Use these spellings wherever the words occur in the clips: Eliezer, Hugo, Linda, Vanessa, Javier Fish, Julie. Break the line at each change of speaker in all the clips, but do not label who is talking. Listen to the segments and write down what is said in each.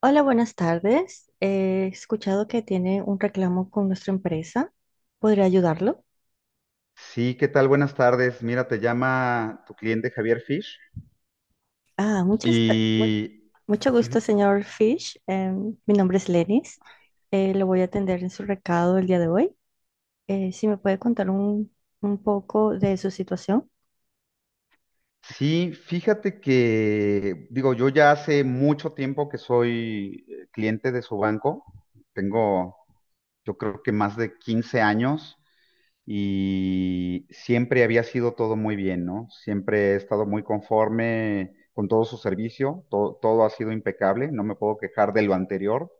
Hola, buenas tardes. He escuchado que tiene un reclamo con nuestra empresa. ¿Podría ayudarlo?
Sí, ¿qué tal? Buenas tardes. Mira, te llama tu cliente Javier Fish.
Ah, muchas, per- mu-
Y
Mucho gusto, señor Fish. Mi nombre es Lenis. Lo voy a atender en su recado el día de hoy. Si me puede contar un poco de su situación.
sí, fíjate que, digo, yo ya hace mucho tiempo que soy cliente de su banco. Tengo, yo creo que más de 15 años, y siempre había sido todo muy bien, ¿no? Siempre he estado muy conforme con todo su servicio. Todo ha sido impecable. No me puedo quejar de lo anterior.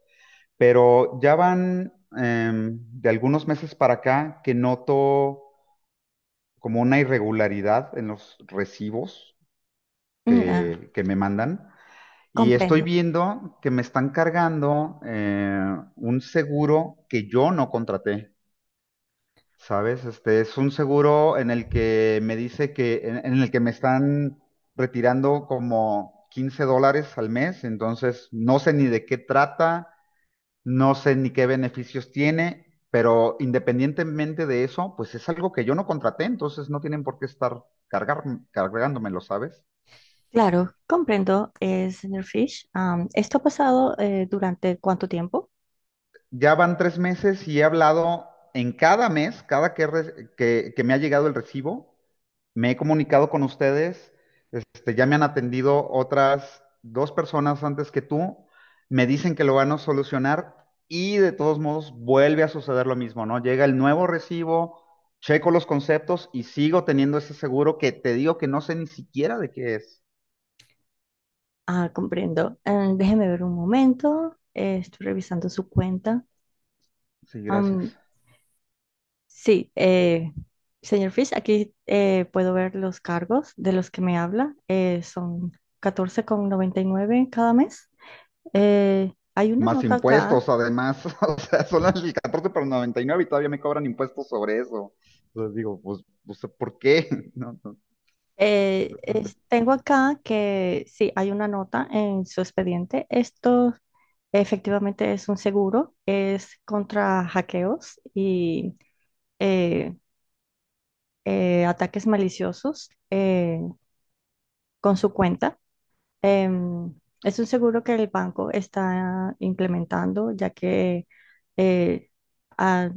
Pero ya van de algunos meses para acá que noto como una irregularidad en los recibos
Mm, ah,
que me mandan, y estoy
Comprendo.
viendo que me están cargando un seguro que yo no contraté, ¿sabes? Este es un seguro en el que me dice que, en el que me están retirando como $15 al mes. Entonces no sé ni de qué trata. No sé ni qué beneficios tiene, pero independientemente de eso, pues es algo que yo no contraté, entonces no tienen por qué estar cargándomelo, ¿sabes?
Claro, comprendo, señor Fish. ¿Esto ha pasado durante cuánto tiempo?
Ya van 3 meses y he hablado en cada mes, cada que me ha llegado el recibo. Me he comunicado con ustedes. Ya me han atendido otras dos personas antes que tú. Me dicen que lo van a solucionar y de todos modos vuelve a suceder lo mismo, ¿no? Llega el nuevo recibo, checo los conceptos y sigo teniendo ese seguro que te digo que no sé ni siquiera de qué es.
Ah, comprendo. Déjeme ver un momento. Estoy revisando su cuenta.
Sí, gracias.
Sí, señor Fish, aquí puedo ver los cargos de los que me habla. Son 14.99 cada mes. Hay una
Más
nota acá.
impuestos, además, o sea, son las 14,99 y nueve y todavía me cobran impuestos sobre eso. Entonces digo, pues, ¿por qué? No, no.
Tengo acá que sí, hay una nota en su expediente. Esto efectivamente es un seguro, es contra hackeos y eh, ataques maliciosos con su cuenta. Em, es un seguro que el banco está implementando, ya que eh, ha-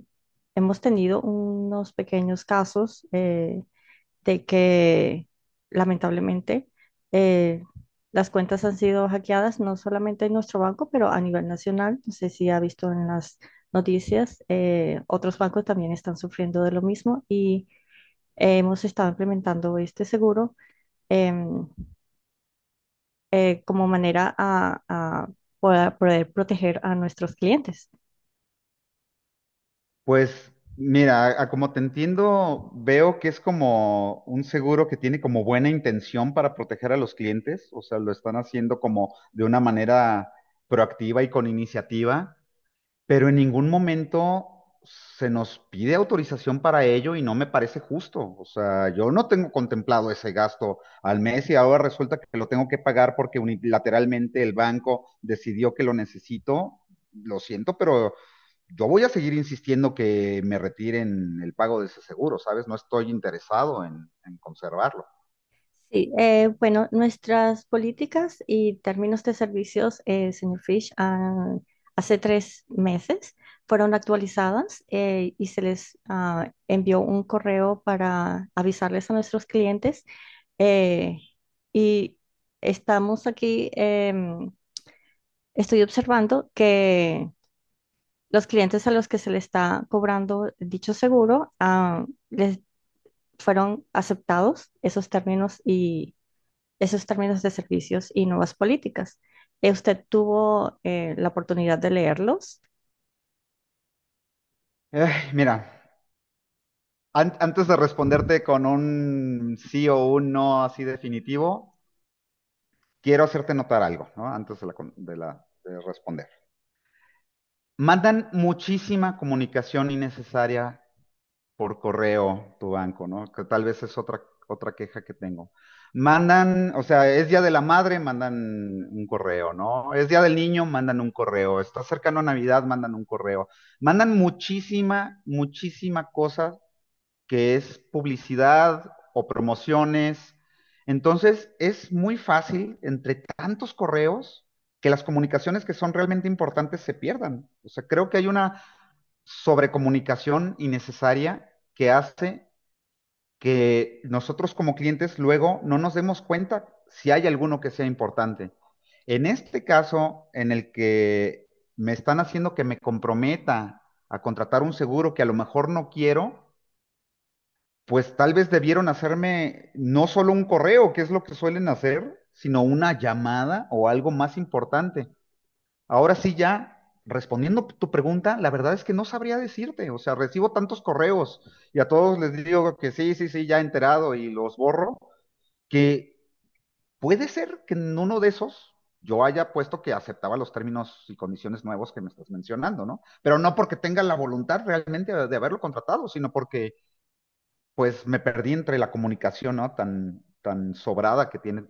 hemos tenido unos pequeños casos de que lamentablemente eh, las cuentas han sido hackeadas, no solamente en nuestro banco, pero a nivel nacional. No sé si ha visto en las noticias, otros bancos también están sufriendo de lo mismo y hemos estado implementando este seguro. em, Como manera a poder proteger a nuestros clientes.
Pues mira, a como te entiendo, veo que es como un seguro que tiene como buena intención para proteger a los clientes, o sea, lo están haciendo como de una manera proactiva y con iniciativa, pero en ningún momento se nos pide autorización para ello y no me parece justo. O sea, yo no tengo contemplado ese gasto al mes y ahora resulta que lo tengo que pagar porque unilateralmente el banco decidió que lo necesito. Lo siento, pero yo voy a seguir insistiendo que me retiren el pago de ese seguro, ¿sabes? No estoy interesado en conservarlo.
Sí, bueno, nuestras políticas y términos de servicios, señor Fish, hace 3 meses fueron actualizadas y se les envió un correo para avisarles a nuestros clientes. eh, y estamos aquí, em, estoy observando que los clientes a los que se le está cobrando dicho seguro, les fueron aceptados esos términos y esos términos de servicios y nuevas políticas. ¿Usted tuvo la oportunidad de leerlos?
Eh, Mira, antes de responderte con un sí o un no así definitivo, quiero hacerte notar algo, ¿no? Antes de, la con- de la- de responder. Mandan muchísima comunicación innecesaria por correo tu banco, ¿no? Que tal vez es otra, otra queja que tengo. Mandan, o sea, es Día de la Madre, mandan un correo, ¿no? Es Día del Niño, mandan un correo. Está cercano a Navidad, mandan un correo. Mandan muchísima, muchísima cosa que es publicidad o promociones. Entonces, es muy fácil entre tantos correos que las comunicaciones que son realmente importantes se pierdan. O sea, creo que hay una sobrecomunicación innecesaria que hace que nosotros como clientes luego no nos demos cuenta si hay alguno que sea importante. En este caso, en el que me están haciendo que me comprometa a contratar un seguro que a lo mejor no quiero, pues tal vez debieron hacerme no solo un correo, que es lo que suelen hacer, sino una llamada o algo más importante. Ahora sí, ya respondiendo tu pregunta, la verdad es que no sabría decirte. O sea, recibo tantos correos y a todos les digo que sí, sí, sí, ya enterado y los borro, que puede ser que en uno de esos yo haya puesto que aceptaba los términos y condiciones nuevos que me estás mencionando, ¿no? Pero no porque tenga la voluntad realmente de haberlo contratado, sino porque pues me perdí entre la comunicación, ¿no? Tan, tan sobrada que tiene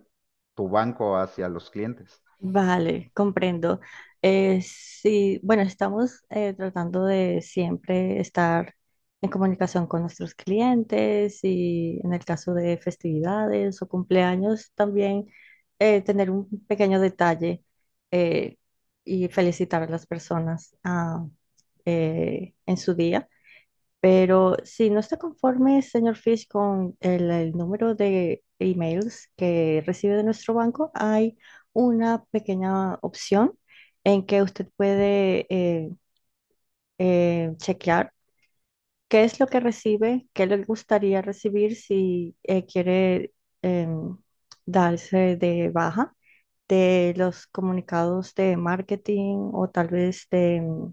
tu banco hacia los clientes.
Vale, comprendo. Sí, bueno, estamos tratando de siempre estar en comunicación con nuestros clientes y en el caso de festividades o cumpleaños también tener un pequeño detalle eh, y felicitar a las personas en su día. Pero si no está conforme, señor Fish, con el número de emails que recibe de nuestro banco, hay una pequeña opción en que usted puede chequear qué es lo que recibe, qué le gustaría recibir si quiere em, darse de baja de los comunicados de marketing o tal vez de em,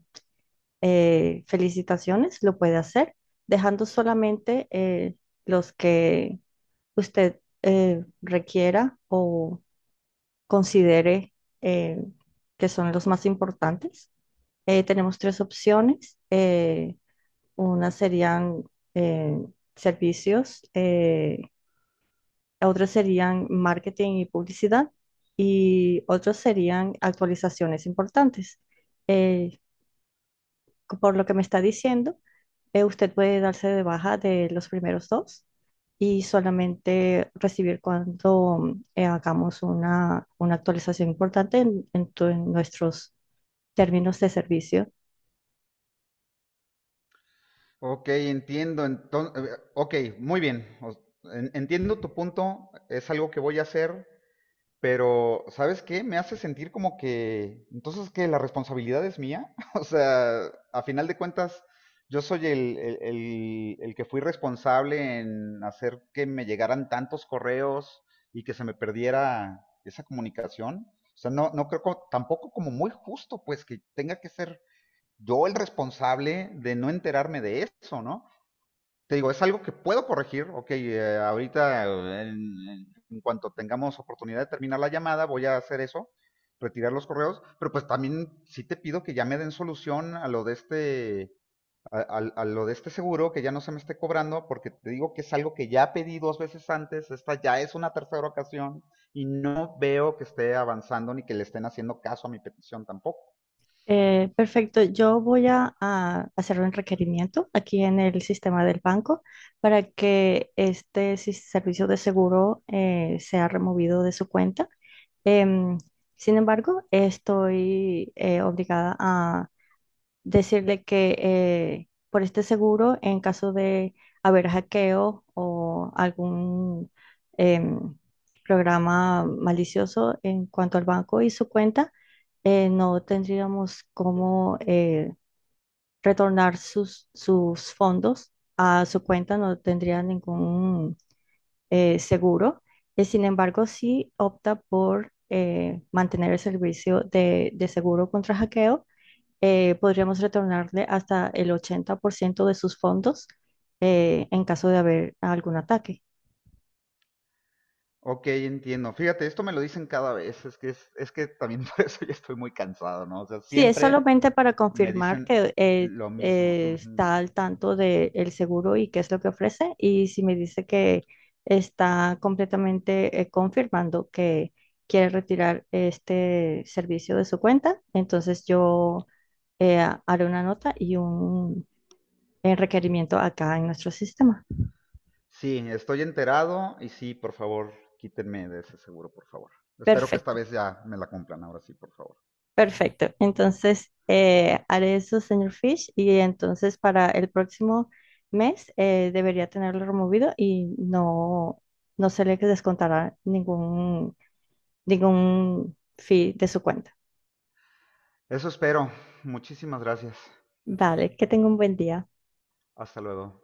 eh, felicitaciones, lo puede hacer, dejando solamente los que usted requiera o considere eh, que son los más importantes. Tenemos tres opciones. Unas serían eh, servicios, otras serían marketing y publicidad y otros serían actualizaciones importantes. Eh, por lo que me está diciendo, usted puede darse de baja de los primeros dos y solamente recibir cuando hagamos una actualización importante en, en nuestros términos de servicio.
Ok, entiendo. Entonces, ok, muy bien. Entiendo tu punto, es algo que voy a hacer, pero ¿sabes qué? Me hace sentir como que, entonces que la responsabilidad es mía. O sea, a final de cuentas, yo soy el que fui responsable en hacer que me llegaran tantos correos y que se me perdiera esa comunicación. O sea, no, no creo tampoco como muy justo, pues, que tenga que ser yo el responsable de no enterarme de eso, ¿no? Te digo, es algo que puedo corregir. Ok, ahorita en cuanto tengamos oportunidad de terminar la llamada, voy a hacer eso, retirar los correos, pero pues también sí te pido que ya me den solución a lo de este, a, a- a lo de este seguro, que ya no se me esté cobrando, porque te digo que es algo que ya pedí dos veces antes, esta ya es una tercera ocasión, y no veo que esté avanzando ni que le estén haciendo caso a mi petición tampoco.
Perfecto, yo voy a hacer un requerimiento aquí en el sistema del banco para que servicio de seguro sea removido de su cuenta. Em, Sin embargo, estoy obligada a decirle que por este seguro, en caso de haber hackeo o algún em, programa malicioso en cuanto al banco y su cuenta, no tendríamos cómo retornar sus fondos a su cuenta, no tendría ningún seguro. Sin embargo, sí opta por mantener el servicio de seguro contra hackeo podríamos retornarle hasta el 80% de sus fondos en caso de haber algún ataque.
Ok, entiendo. Fíjate, esto me lo dicen cada vez. Es que también por eso ya estoy muy cansado, ¿no? O sea,
Sí, es
siempre
solamente para
me
confirmar
dicen
que
lo mismo. Ujú.
está al tanto del seguro y qué es lo que ofrece. Y si me dice que está completamente confirmando que quiere retirar este servicio de su cuenta, entonces yo eh, haré una nota y un requerimiento acá en nuestro sistema.
Sí, estoy enterado y sí, por favor, quítenme de ese seguro, por favor. Espero que esta
Perfecto.
vez ya me la cumplan, ahora sí, por favor.
Perfecto. Entonces, haré eso, señor Fish, y entonces para el próximo mes debería tenerlo removido y no se le descontará ningún fee de su cuenta.
Eso espero. Muchísimas gracias.
Vale, que tenga un buen día.
Hasta luego.